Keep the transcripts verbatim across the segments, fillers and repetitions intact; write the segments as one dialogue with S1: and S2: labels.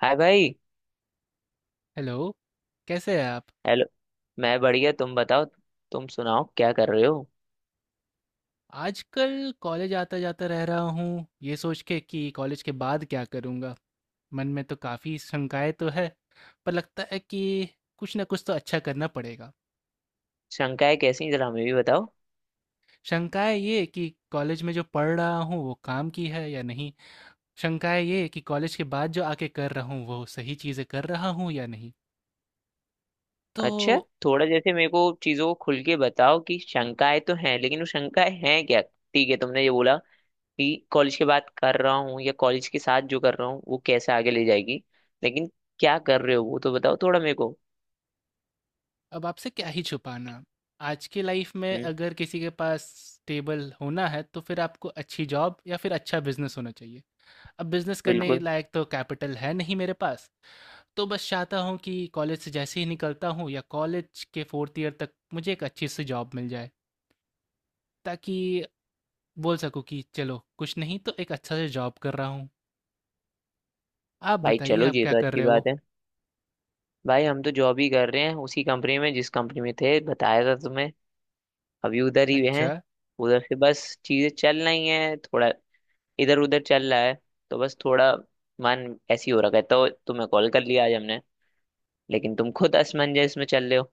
S1: हाय भाई।
S2: हेलो। कैसे हैं आप?
S1: हेलो। मैं बढ़िया, तुम बताओ। तुम सुनाओ क्या कर रहे हो?
S2: आजकल कॉलेज आता जाता रह रहा हूँ ये सोच के कि कॉलेज के बाद क्या करूँगा। मन में तो काफ़ी शंकाएं तो है, पर लगता है कि कुछ ना कुछ तो अच्छा करना पड़ेगा।
S1: शंकाएं कैसी हैं? जरा हमें भी बताओ।
S2: शंकाएं ये कि कॉलेज में जो पढ़ रहा हूँ वो काम की है या नहीं। शंकाएं ये कि कॉलेज के बाद जो आके कर रहा हूँ वो सही चीज़ें कर रहा हूँ या नहीं। तो
S1: अच्छा। थोड़ा जैसे मेरे को चीजों को खुल के बताओ कि शंकाएं तो हैं, लेकिन वो शंकाएं हैं क्या? ठीक है, तुमने ये बोला कि कॉलेज के बाद कर रहा हूँ या कॉलेज के साथ जो कर रहा हूँ वो कैसे आगे ले जाएगी। लेकिन क्या कर रहे हो वो तो बताओ थोड़ा मेरे को।
S2: अब आपसे क्या ही छुपाना। आज की लाइफ़ में
S1: हम्म।
S2: अगर किसी के पास स्टेबल होना है, तो फिर आपको अच्छी जॉब या फिर अच्छा बिज़नेस होना चाहिए। अब बिज़नेस करने
S1: बिल्कुल।
S2: लायक तो कैपिटल है नहीं मेरे पास, तो बस चाहता हूँ कि कॉलेज से जैसे ही निकलता हूँ या कॉलेज के फोर्थ ईयर तक मुझे एक अच्छी सी जॉब मिल जाए, ताकि बोल सकूँ कि चलो, कुछ नहीं तो एक अच्छा सा जॉब कर रहा हूँ। आप
S1: भाई
S2: बताइए,
S1: चलो,
S2: आप
S1: ये
S2: क्या
S1: तो
S2: कर
S1: अच्छी
S2: रहे हो?
S1: बात है। भाई, हम तो जॉब ही कर रहे हैं उसी कंपनी में, जिस कंपनी में थे, बताया था तुम्हें। अभी उधर ही
S2: अच्छा।
S1: हैं। उधर से बस चीजें चल रही हैं, थोड़ा इधर उधर चल रहा है। तो बस थोड़ा मन ऐसी हो रखा है तो तुम्हें कॉल कर लिया आज हमने। लेकिन तुम खुद असमंजस में चल रहे हो।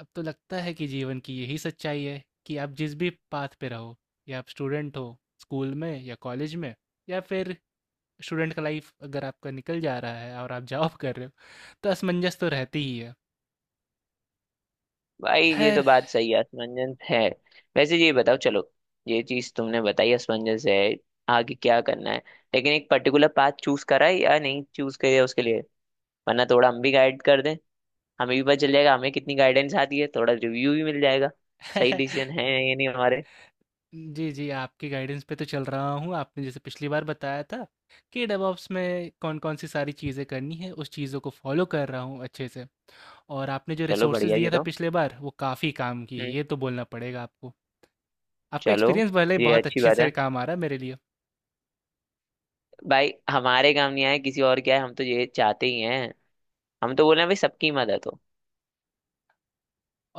S2: अब तो लगता है कि जीवन की यही सच्चाई है कि आप जिस भी पाथ पे रहो, या आप स्टूडेंट हो स्कूल में या कॉलेज में, या फिर स्टूडेंट का लाइफ अगर आपका निकल जा रहा है और आप जॉब कर रहे हो, तो असमंजस तो रहती ही है।
S1: भाई, ये तो
S2: खैर।
S1: बात सही है, असमंजस है। वैसे ये बताओ चलो, ये चीज तुमने बताई असमंजस है, आगे क्या करना है। लेकिन एक पर्टिकुलर पाथ चूज करा है या नहीं चूज करा उसके लिए? वरना थोड़ा हम भी गाइड कर दें। हमें भी पता चल जाएगा हमें कितनी गाइडेंस आती है, थोड़ा रिव्यू भी मिल जाएगा सही डिसीजन है या नहीं हमारे।
S2: जी जी, आपके गाइडेंस पे तो चल रहा हूँ। आपने जैसे पिछली बार बताया था कि डेवऑप्स में कौन कौन सी सारी चीज़ें करनी है, उस चीज़ों को फॉलो कर रहा हूँ अच्छे से। और आपने जो
S1: चलो
S2: रिसोर्सेज
S1: बढ़िया जी
S2: दिया था
S1: तो।
S2: पिछले बार, वो काफ़ी काम की,
S1: हम्म।
S2: ये तो बोलना पड़ेगा आपको। आपका
S1: चलो,
S2: एक्सपीरियंस भले ही
S1: ये
S2: बहुत
S1: अच्छी
S2: अच्छे
S1: बात है।
S2: से काम आ रहा है मेरे लिए।
S1: भाई हमारे काम नहीं आए किसी और क्या है, हम तो ये चाहते ही हैं। हम तो बोल रहे हैं भाई, सबकी मदद हो।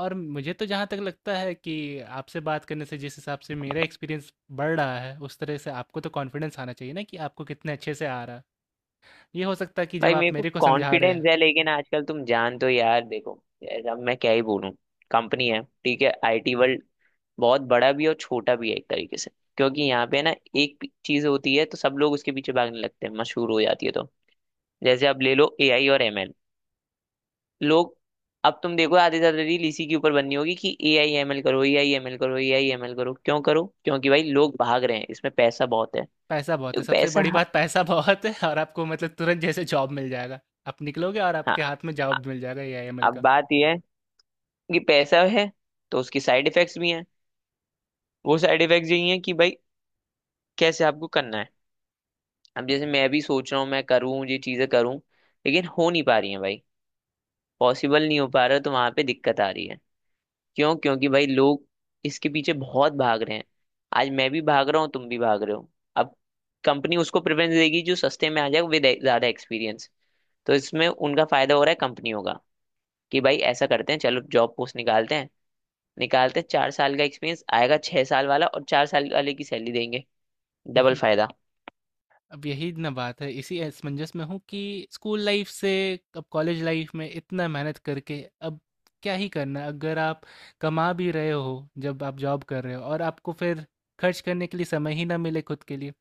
S2: और मुझे तो जहाँ तक लगता है कि आपसे बात करने से जिस हिसाब से मेरा एक्सपीरियंस बढ़ रहा है, उस तरह से आपको तो कॉन्फिडेंस आना चाहिए ना कि आपको कितने अच्छे से आ रहा है। ये हो सकता है कि जब
S1: भाई,
S2: आप
S1: मेरे को
S2: मेरे को समझा रहे
S1: कॉन्फिडेंस
S2: हैं।
S1: है, लेकिन आजकल तुम जान तो यार, देखो यार, अब मैं क्या ही बोलूं। कंपनी है ठीक है, आई टी वर्ल्ड बहुत बड़ा भी है और छोटा भी है एक तरीके से। क्योंकि यहाँ पे ना, एक चीज होती है तो सब लोग उसके पीछे भागने लगते हैं, मशहूर हो जाती है। तो जैसे अब ले लो ए आई और एम एल। लोग, अब तुम देखो आधे से ज्यादा रील इसी के ऊपर बननी होगी कि ए आई एम एल करो, ए आई एम एल करो, ए आई एम एल करो। क्यों करो? क्योंकि भाई लोग भाग रहे हैं, इसमें पैसा बहुत है।
S2: पैसा बहुत है,
S1: तो
S2: सबसे
S1: पैसा।
S2: बड़ी बात पैसा बहुत है, और आपको मतलब तुरंत जैसे जॉब मिल जाएगा। आप निकलोगे और
S1: हाँ।
S2: आपके हाथ में
S1: अ-
S2: जॉब मिल जाएगा ए आई एम एल
S1: अब बात यह है कि पैसा है तो उसकी साइड इफेक्ट्स भी हैं। वो साइड इफेक्ट्स यही हैं कि भाई, कैसे आपको करना है। अब जैसे मैं भी सोच रहा हूँ मैं करूँ, ये चीजें करूँ, लेकिन हो नहीं पा रही है भाई। पॉसिबल नहीं हो पा रहा, तो वहां पे दिक्कत आ रही है। क्यों? क्योंकि भाई लोग इसके पीछे बहुत भाग रहे हैं। आज मैं भी भाग रहा हूँ, तुम भी भाग रहे हो। अब कंपनी उसको प्रेफरेंस देगी जो सस्ते में आ जाए विद ज्यादा एक्सपीरियंस। तो इसमें उनका फायदा हो रहा है कंपनियों का। कि भाई ऐसा करते हैं चलो जॉब पोस्ट निकालते हैं। निकालते हैं चार साल का एक्सपीरियंस, आएगा छह साल वाला और चार साल वाले की सैलरी देंगे।
S2: का।
S1: डबल फायदा।
S2: अब यही ना बात है, इसी असमंजस में हूँ कि स्कूल लाइफ से अब कॉलेज लाइफ में इतना मेहनत करके अब क्या ही करना अगर आप कमा भी रहे हो, जब आप जॉब कर रहे हो और आपको फिर खर्च करने के लिए समय ही ना मिले खुद के लिए।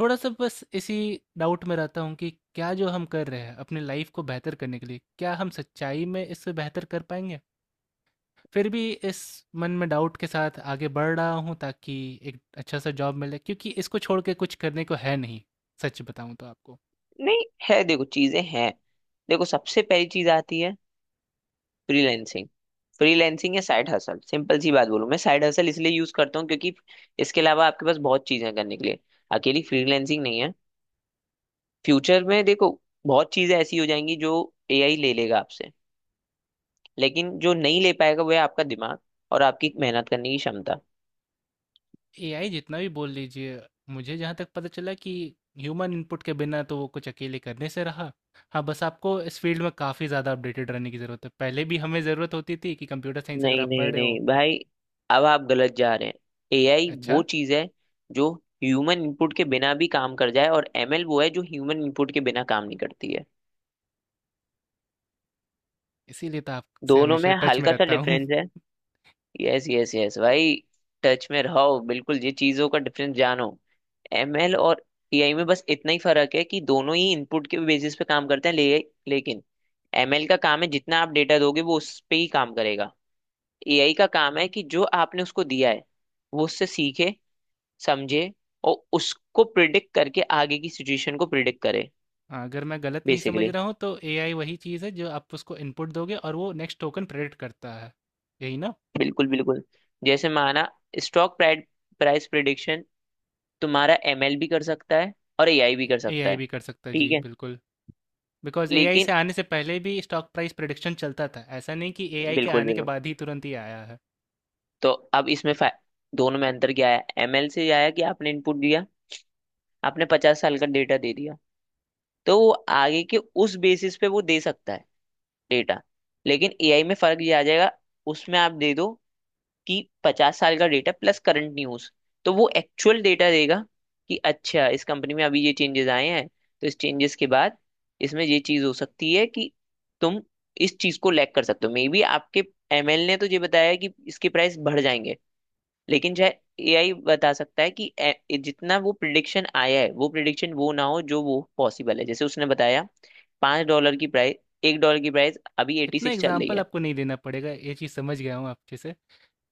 S2: थोड़ा सा बस इसी डाउट में रहता हूँ कि क्या जो हम कर रहे हैं अपने लाइफ को बेहतर करने के लिए, क्या हम सच्चाई में इससे बेहतर कर पाएंगे? फिर भी इस मन में डाउट के साथ आगे बढ़ रहा हूँ ताकि एक अच्छा सा जॉब मिले, क्योंकि इसको छोड़ के कुछ करने को है नहीं, सच बताऊं तो आपको।
S1: नहीं है, देखो चीजें हैं। देखो सबसे पहली चीज आती है, फ्रीलैंसिंग। फ्रीलैंसिंग या साइड हसल, सिंपल सी बात बोलूं, मैं साइड हसल इसलिए यूज करता हूँ क्योंकि इसके अलावा आपके पास बहुत चीजें हैं करने के लिए, अकेली फ्रीलैंसिंग नहीं है। फ्यूचर में देखो, बहुत चीजें ऐसी हो जाएंगी जो ए आई ले लेगा आपसे, लेकिन जो नहीं ले पाएगा वो है आपका दिमाग और आपकी मेहनत करने की क्षमता।
S2: एआई जितना भी बोल लीजिए, मुझे जहाँ तक पता चला कि ह्यूमन इनपुट के बिना तो वो कुछ अकेले करने से रहा। हाँ, बस आपको इस फील्ड में काफ़ी ज़्यादा अपडेटेड रहने की ज़रूरत है। पहले भी हमें ज़रूरत होती थी कि कंप्यूटर साइंस अगर
S1: नहीं
S2: आप पढ़
S1: नहीं
S2: रहे हो।
S1: नहीं भाई, अब आप गलत जा रहे हैं। ए आई वो
S2: अच्छा।
S1: चीज है जो ह्यूमन इनपुट के बिना भी काम कर जाए और एम एल वो है जो ह्यूमन इनपुट के बिना काम नहीं करती है।
S2: इसीलिए तो आपसे
S1: दोनों
S2: हमेशा
S1: में
S2: टच में
S1: हल्का सा
S2: रहता हूँ।
S1: डिफरेंस है। यस यस यस भाई, टच में रहो, बिल्कुल ये चीजों का डिफरेंस जानो। एम एल और टी आई में बस इतना ही फर्क है कि दोनों ही इनपुट के बेसिस पे काम करते हैं, ले, लेकिन एम एल का काम है जितना आप डेटा दोगे वो उस पे ही काम करेगा। ए आई का काम है कि जो आपने उसको दिया है वो उससे सीखे, समझे, और उसको प्रिडिक्ट करके आगे की सिचुएशन को प्रिडिक्ट करे।
S2: हाँ, अगर मैं गलत नहीं समझ
S1: बेसिकली।
S2: रहा हूँ तो एआई वही चीज़ है जो आप उसको इनपुट दोगे और वो नेक्स्ट टोकन प्रेडिक्ट करता है। यही ना?
S1: बिल्कुल बिल्कुल। जैसे माना स्टॉक प्राइस, तुम्हारा एम एल भी कर सकता है और ए आई भी कर सकता
S2: एआई
S1: है।
S2: भी कर सकता है जी,
S1: ठीक है।
S2: बिल्कुल। बिकॉज एआई
S1: लेकिन
S2: से आने से पहले भी स्टॉक प्राइस प्रिडिक्शन चलता था, ऐसा नहीं कि एआई के
S1: बिल्कुल
S2: आने के
S1: बिल्कुल।
S2: बाद ही तुरंत ही आया है।
S1: तो अब इसमें फा- दोनों में अंतर क्या है? एम एल से आया कि आपने इनपुट दिया, आपने पचास साल का डेटा दे दिया तो वो आगे के उस बेसिस पे वो दे सकता है डेटा। लेकिन ए आई में फर्क ये आ जाएगा। उसमें आप दे दो कि पचास साल का डेटा प्लस करंट न्यूज, तो वो एक्चुअल डेटा देगा कि अच्छा इस कंपनी में अभी ये चेंजेस आए हैं तो इस चेंजेस के बाद इसमें ये चीज हो सकती है कि तुम इस चीज को लैग कर सकते हो। मे बी आपके एम एल ने तो ये बताया है कि इसके प्राइस बढ़ जाएंगे। लेकिन चाहे ए आई बता सकता है कि ए- जितना वो प्रिडिक्शन आया है वो प्रिडिक्शन वो ना हो जो वो पॉसिबल है। जैसे उसने बताया पांच डॉलर की प्राइस, एक डॉलर की प्राइस अभी एटी
S2: इतना
S1: सिक्स चल रही
S2: एग्जाम्पल
S1: है।
S2: आपको नहीं देना पड़ेगा, ये चीज़ समझ गया हूँ आपके से।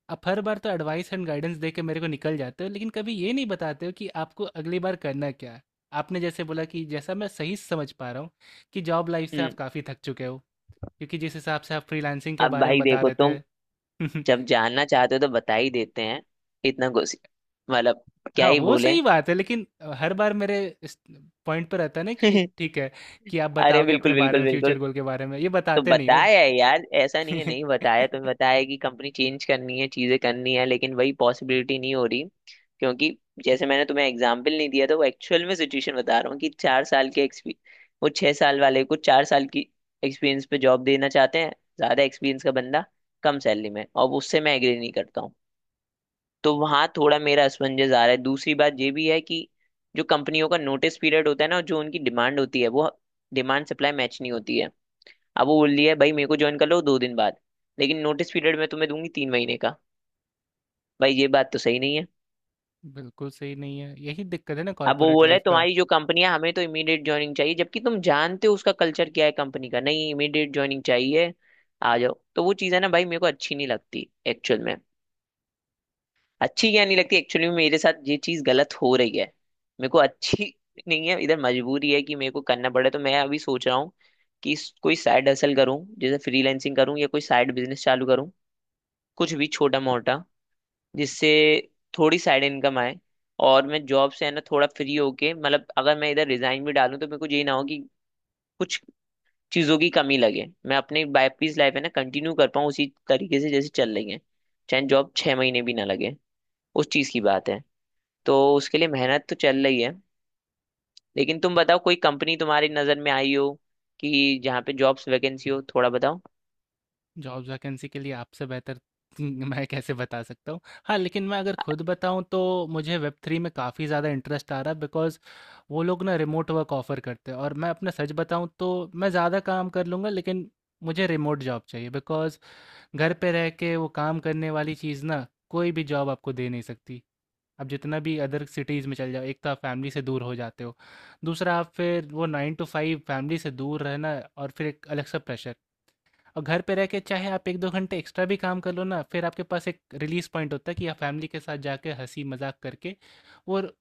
S2: आप हर बार तो एडवाइस एंड गाइडेंस दे के मेरे को निकल जाते हो, लेकिन कभी ये नहीं बताते हो कि आपको अगली बार करना क्या है। आपने जैसे बोला कि जैसा मैं सही समझ पा रहा हूँ कि जॉब लाइफ से
S1: हम्म।
S2: आप काफ़ी थक चुके हो, क्योंकि जिस हिसाब से आप फ्रीलांसिंग के
S1: अब
S2: बारे में
S1: भाई
S2: बता
S1: देखो,
S2: रहे
S1: तुम
S2: थे।
S1: जब जानना चाहते हो तो बता ही देते हैं इतना कुछ, मतलब क्या
S2: हाँ,
S1: ही
S2: वो
S1: बोले।
S2: सही बात है, लेकिन हर बार मेरे इस पॉइंट पर रहता है ना कि ये ठीक है कि आप
S1: अरे
S2: बताओगे अपने
S1: बिल्कुल
S2: बारे
S1: बिल्कुल
S2: में, फ्यूचर
S1: बिल्कुल।
S2: गोल के बारे में ये
S1: तो
S2: बताते नहीं हो।
S1: बताया है यार, ऐसा नहीं है नहीं बताया तुम्हें, बताया कि कंपनी चेंज करनी है, चीजें करनी है, लेकिन वही पॉसिबिलिटी नहीं हो रही। क्योंकि जैसे मैंने तुम्हें एग्जाम्पल नहीं दिया था, वो एक्चुअल में सिचुएशन बता रहा हूँ कि चार साल के एक्सपीरियंस, वो छह साल वाले को चार साल की एक्सपीरियंस पे जॉब देना चाहते हैं। ज्यादा एक्सपीरियंस का बंदा कम सैलरी में, और उससे मैं एग्री नहीं करता हूँ। तो वहां थोड़ा मेरा असमंजस आ रहा है। दूसरी बात ये भी है कि जो कंपनियों का नोटिस पीरियड होता है ना और जो उनकी डिमांड होती है, वो डिमांड सप्लाई मैच नहीं होती है। अब वो बोल दिया है भाई मेरे को ज्वाइन कर लो दो दिन बाद, लेकिन नोटिस पीरियड में तुम्हें दूंगी तीन महीने का। भाई ये बात तो सही नहीं है।
S2: बिल्कुल सही नहीं है, यही दिक्कत है ना
S1: अब वो
S2: कॉर्पोरेट
S1: बोला है
S2: लाइफ का।
S1: तुम्हारी जो कंपनी है हमें तो इमीडिएट ज्वाइनिंग चाहिए, जबकि तुम जानते हो उसका कल्चर क्या है कंपनी का, नहीं इमीडिएट ज्वाइनिंग चाहिए आ जाओ। तो वो चीज़ है ना भाई, मेरे को अच्छी नहीं लगती एक्चुअल में। अच्छी क्या नहीं लगती, एक्चुअली मेरे साथ ये चीज गलत हो रही है। मेरे को अच्छी नहीं है। इधर मजबूरी है कि मेरे को करना पड़े, तो मैं अभी सोच रहा हूँ कि इस- कोई साइड हसल करूँ जैसे फ्रीलैंसिंग करूँ या कोई साइड बिजनेस चालू करूँ, कुछ भी छोटा मोटा, जिससे थोड़ी साइड इनकम आए। और मैं जॉब से है ना थोड़ा फ्री होके, मतलब अगर मैं इधर रिजाइन भी डालूँ तो मेरे को ये ना हो कि कुछ चीजों की कमी लगे, मैं अपनी वाइफ लाइफ है ना कंटिन्यू कर पाऊँ उसी तरीके से जैसे चल रही है। चाहे जॉब छह महीने भी ना लगे, उस चीज की बात है। तो उसके लिए मेहनत तो चल रही है। लेकिन तुम बताओ कोई कंपनी तुम्हारी नज़र में आई हो कि जहाँ पे जॉब्स वैकेंसी हो, थोड़ा बताओ।
S2: जॉब्स वैकेंसी के लिए आपसे बेहतर मैं कैसे बता सकता हूँ? हाँ, लेकिन मैं अगर खुद बताऊँ तो मुझे वेब थ्री में काफ़ी ज़्यादा इंटरेस्ट आ रहा है, बिकॉज़ वो लोग ना रिमोट वर्क ऑफर करते हैं। और मैं अपना सच बताऊँ तो मैं ज़्यादा काम कर लूँगा, लेकिन मुझे रिमोट जॉब चाहिए, बिकॉज़ घर पे रह के वो काम करने वाली चीज़ ना कोई भी जॉब आपको दे नहीं सकती। आप जितना भी अदर सिटीज़ में चल जाओ, एक तो आप फैमिली से दूर हो जाते हो, दूसरा आप फिर वो नाइन टू फाइव, फैमिली से दूर रहना, और फिर एक अलग सा प्रेशर। और घर पे रह के चाहे आप एक दो घंटे एक्स्ट्रा भी काम कर लो ना, फिर आपके पास एक रिलीज़ पॉइंट होता है कि आप फैमिली के साथ जाके हँसी-मज़ाक करके और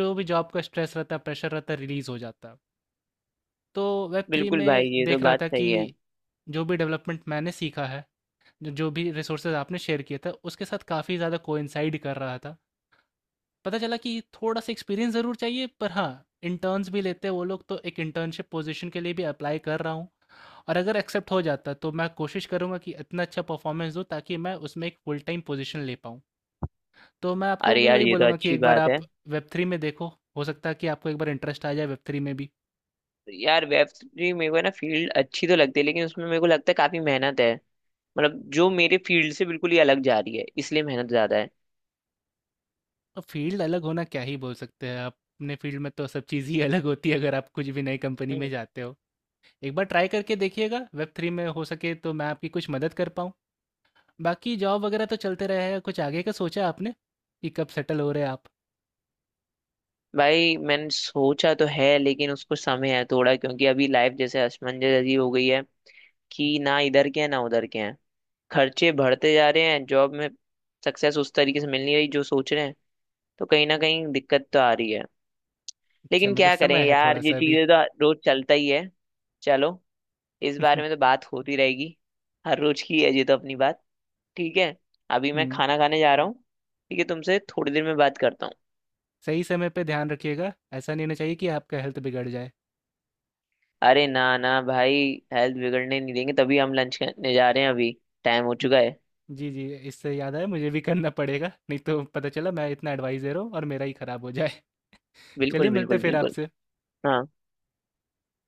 S2: जो भी जॉब का स्ट्रेस रहता है, प्रेशर रहता है, रिलीज़ हो जाता है। तो वेब थ्री
S1: बिल्कुल
S2: में
S1: भाई, ये तो
S2: देख रहा
S1: बात
S2: था कि
S1: सही है।
S2: जो भी डेवलपमेंट मैंने सीखा है, ज जो भी रिसोर्सेज़ आपने शेयर किए थे, उसके साथ काफ़ी ज़्यादा कोइंसाइड कर रहा था। पता चला कि थोड़ा-सा एक्सपीरियंस ज़रूर चाहिए, पर हाँ, इंटर्न्स भी लेते हैं वो लोग, तो एक इंटर्नशिप पोज़ीशन के लिए भी अप्लाई कर रहा हूँ। और अगर एक्सेप्ट हो जाता तो मैं कोशिश करूँगा कि इतना अच्छा परफॉर्मेंस दूँ ताकि मैं उसमें एक फुल टाइम पोजीशन ले पाऊँ। तो मैं आपको
S1: अरे
S2: भी
S1: यार,
S2: वही
S1: ये तो
S2: बोलूँगा कि
S1: अच्छी
S2: एक बार
S1: बात है।
S2: आप वेब थ्री में देखो, हो सकता है कि आपको एक बार इंटरेस्ट आ जाए वेब थ्री में भी।
S1: यार वेब थ्री मेरे को है ना फील्ड अच्छी तो लगती है, लेकिन उसमें मेरे को लगता है काफी मेहनत है। मतलब जो मेरे फील्ड से बिल्कुल ही अलग जा रही है, इसलिए मेहनत ज्यादा है।
S2: और फील्ड अलग होना क्या ही बोल सकते हैं आप, अपने फील्ड में तो सब चीज़ ही अलग होती है अगर आप कुछ भी नई कंपनी में
S1: हम्म।
S2: जाते हो। एक बार ट्राई करके देखिएगा, वेब थ्री में हो सके तो मैं आपकी कुछ मदद कर पाऊँ। बाकी जॉब वगैरह तो चलते रहेगा, कुछ आगे का सोचा आपने? कि कब सेटल हो रहे हैं आप?
S1: भाई मैंने सोचा तो है, लेकिन उसको समय है थोड़ा, क्योंकि अभी लाइफ जैसे असमंजस जैसी हो गई है कि ना इधर के हैं ना उधर के हैं। खर्चे बढ़ते जा रहे हैं, जॉब में सक्सेस उस तरीके से मिल नहीं रही जो सोच रहे हैं, तो कहीं ना कहीं दिक्कत तो आ रही है।
S2: अच्छा,
S1: लेकिन
S2: मतलब
S1: क्या करें
S2: समय है
S1: यार, ये
S2: थोड़ा-सा अभी।
S1: चीजें तो रोज चलता ही है। चलो, इस बारे में तो बात होती रहेगी, हर रोज की है ये तो अपनी बात। ठीक है, अभी मैं
S2: हुँ।
S1: खाना खाने जा रहा हूँ। ठीक है, तुमसे थोड़ी देर में बात करता हूँ।
S2: सही समय पे ध्यान रखिएगा, ऐसा नहीं होना चाहिए कि आपका हेल्थ बिगड़ जाए।
S1: अरे ना ना भाई, हेल्थ बिगड़ने नहीं देंगे तभी हम लंच करने जा रहे हैं अभी, टाइम हो चुका है।
S2: जी, जी, इससे याद आया, मुझे भी करना पड़ेगा, नहीं तो पता चला मैं इतना एडवाइस दे रहा हूँ और मेरा ही खराब हो जाए। चलिए,
S1: बिल्कुल
S2: मिलते हैं
S1: बिल्कुल
S2: फिर
S1: बिल्कुल।
S2: आपसे।
S1: हाँ।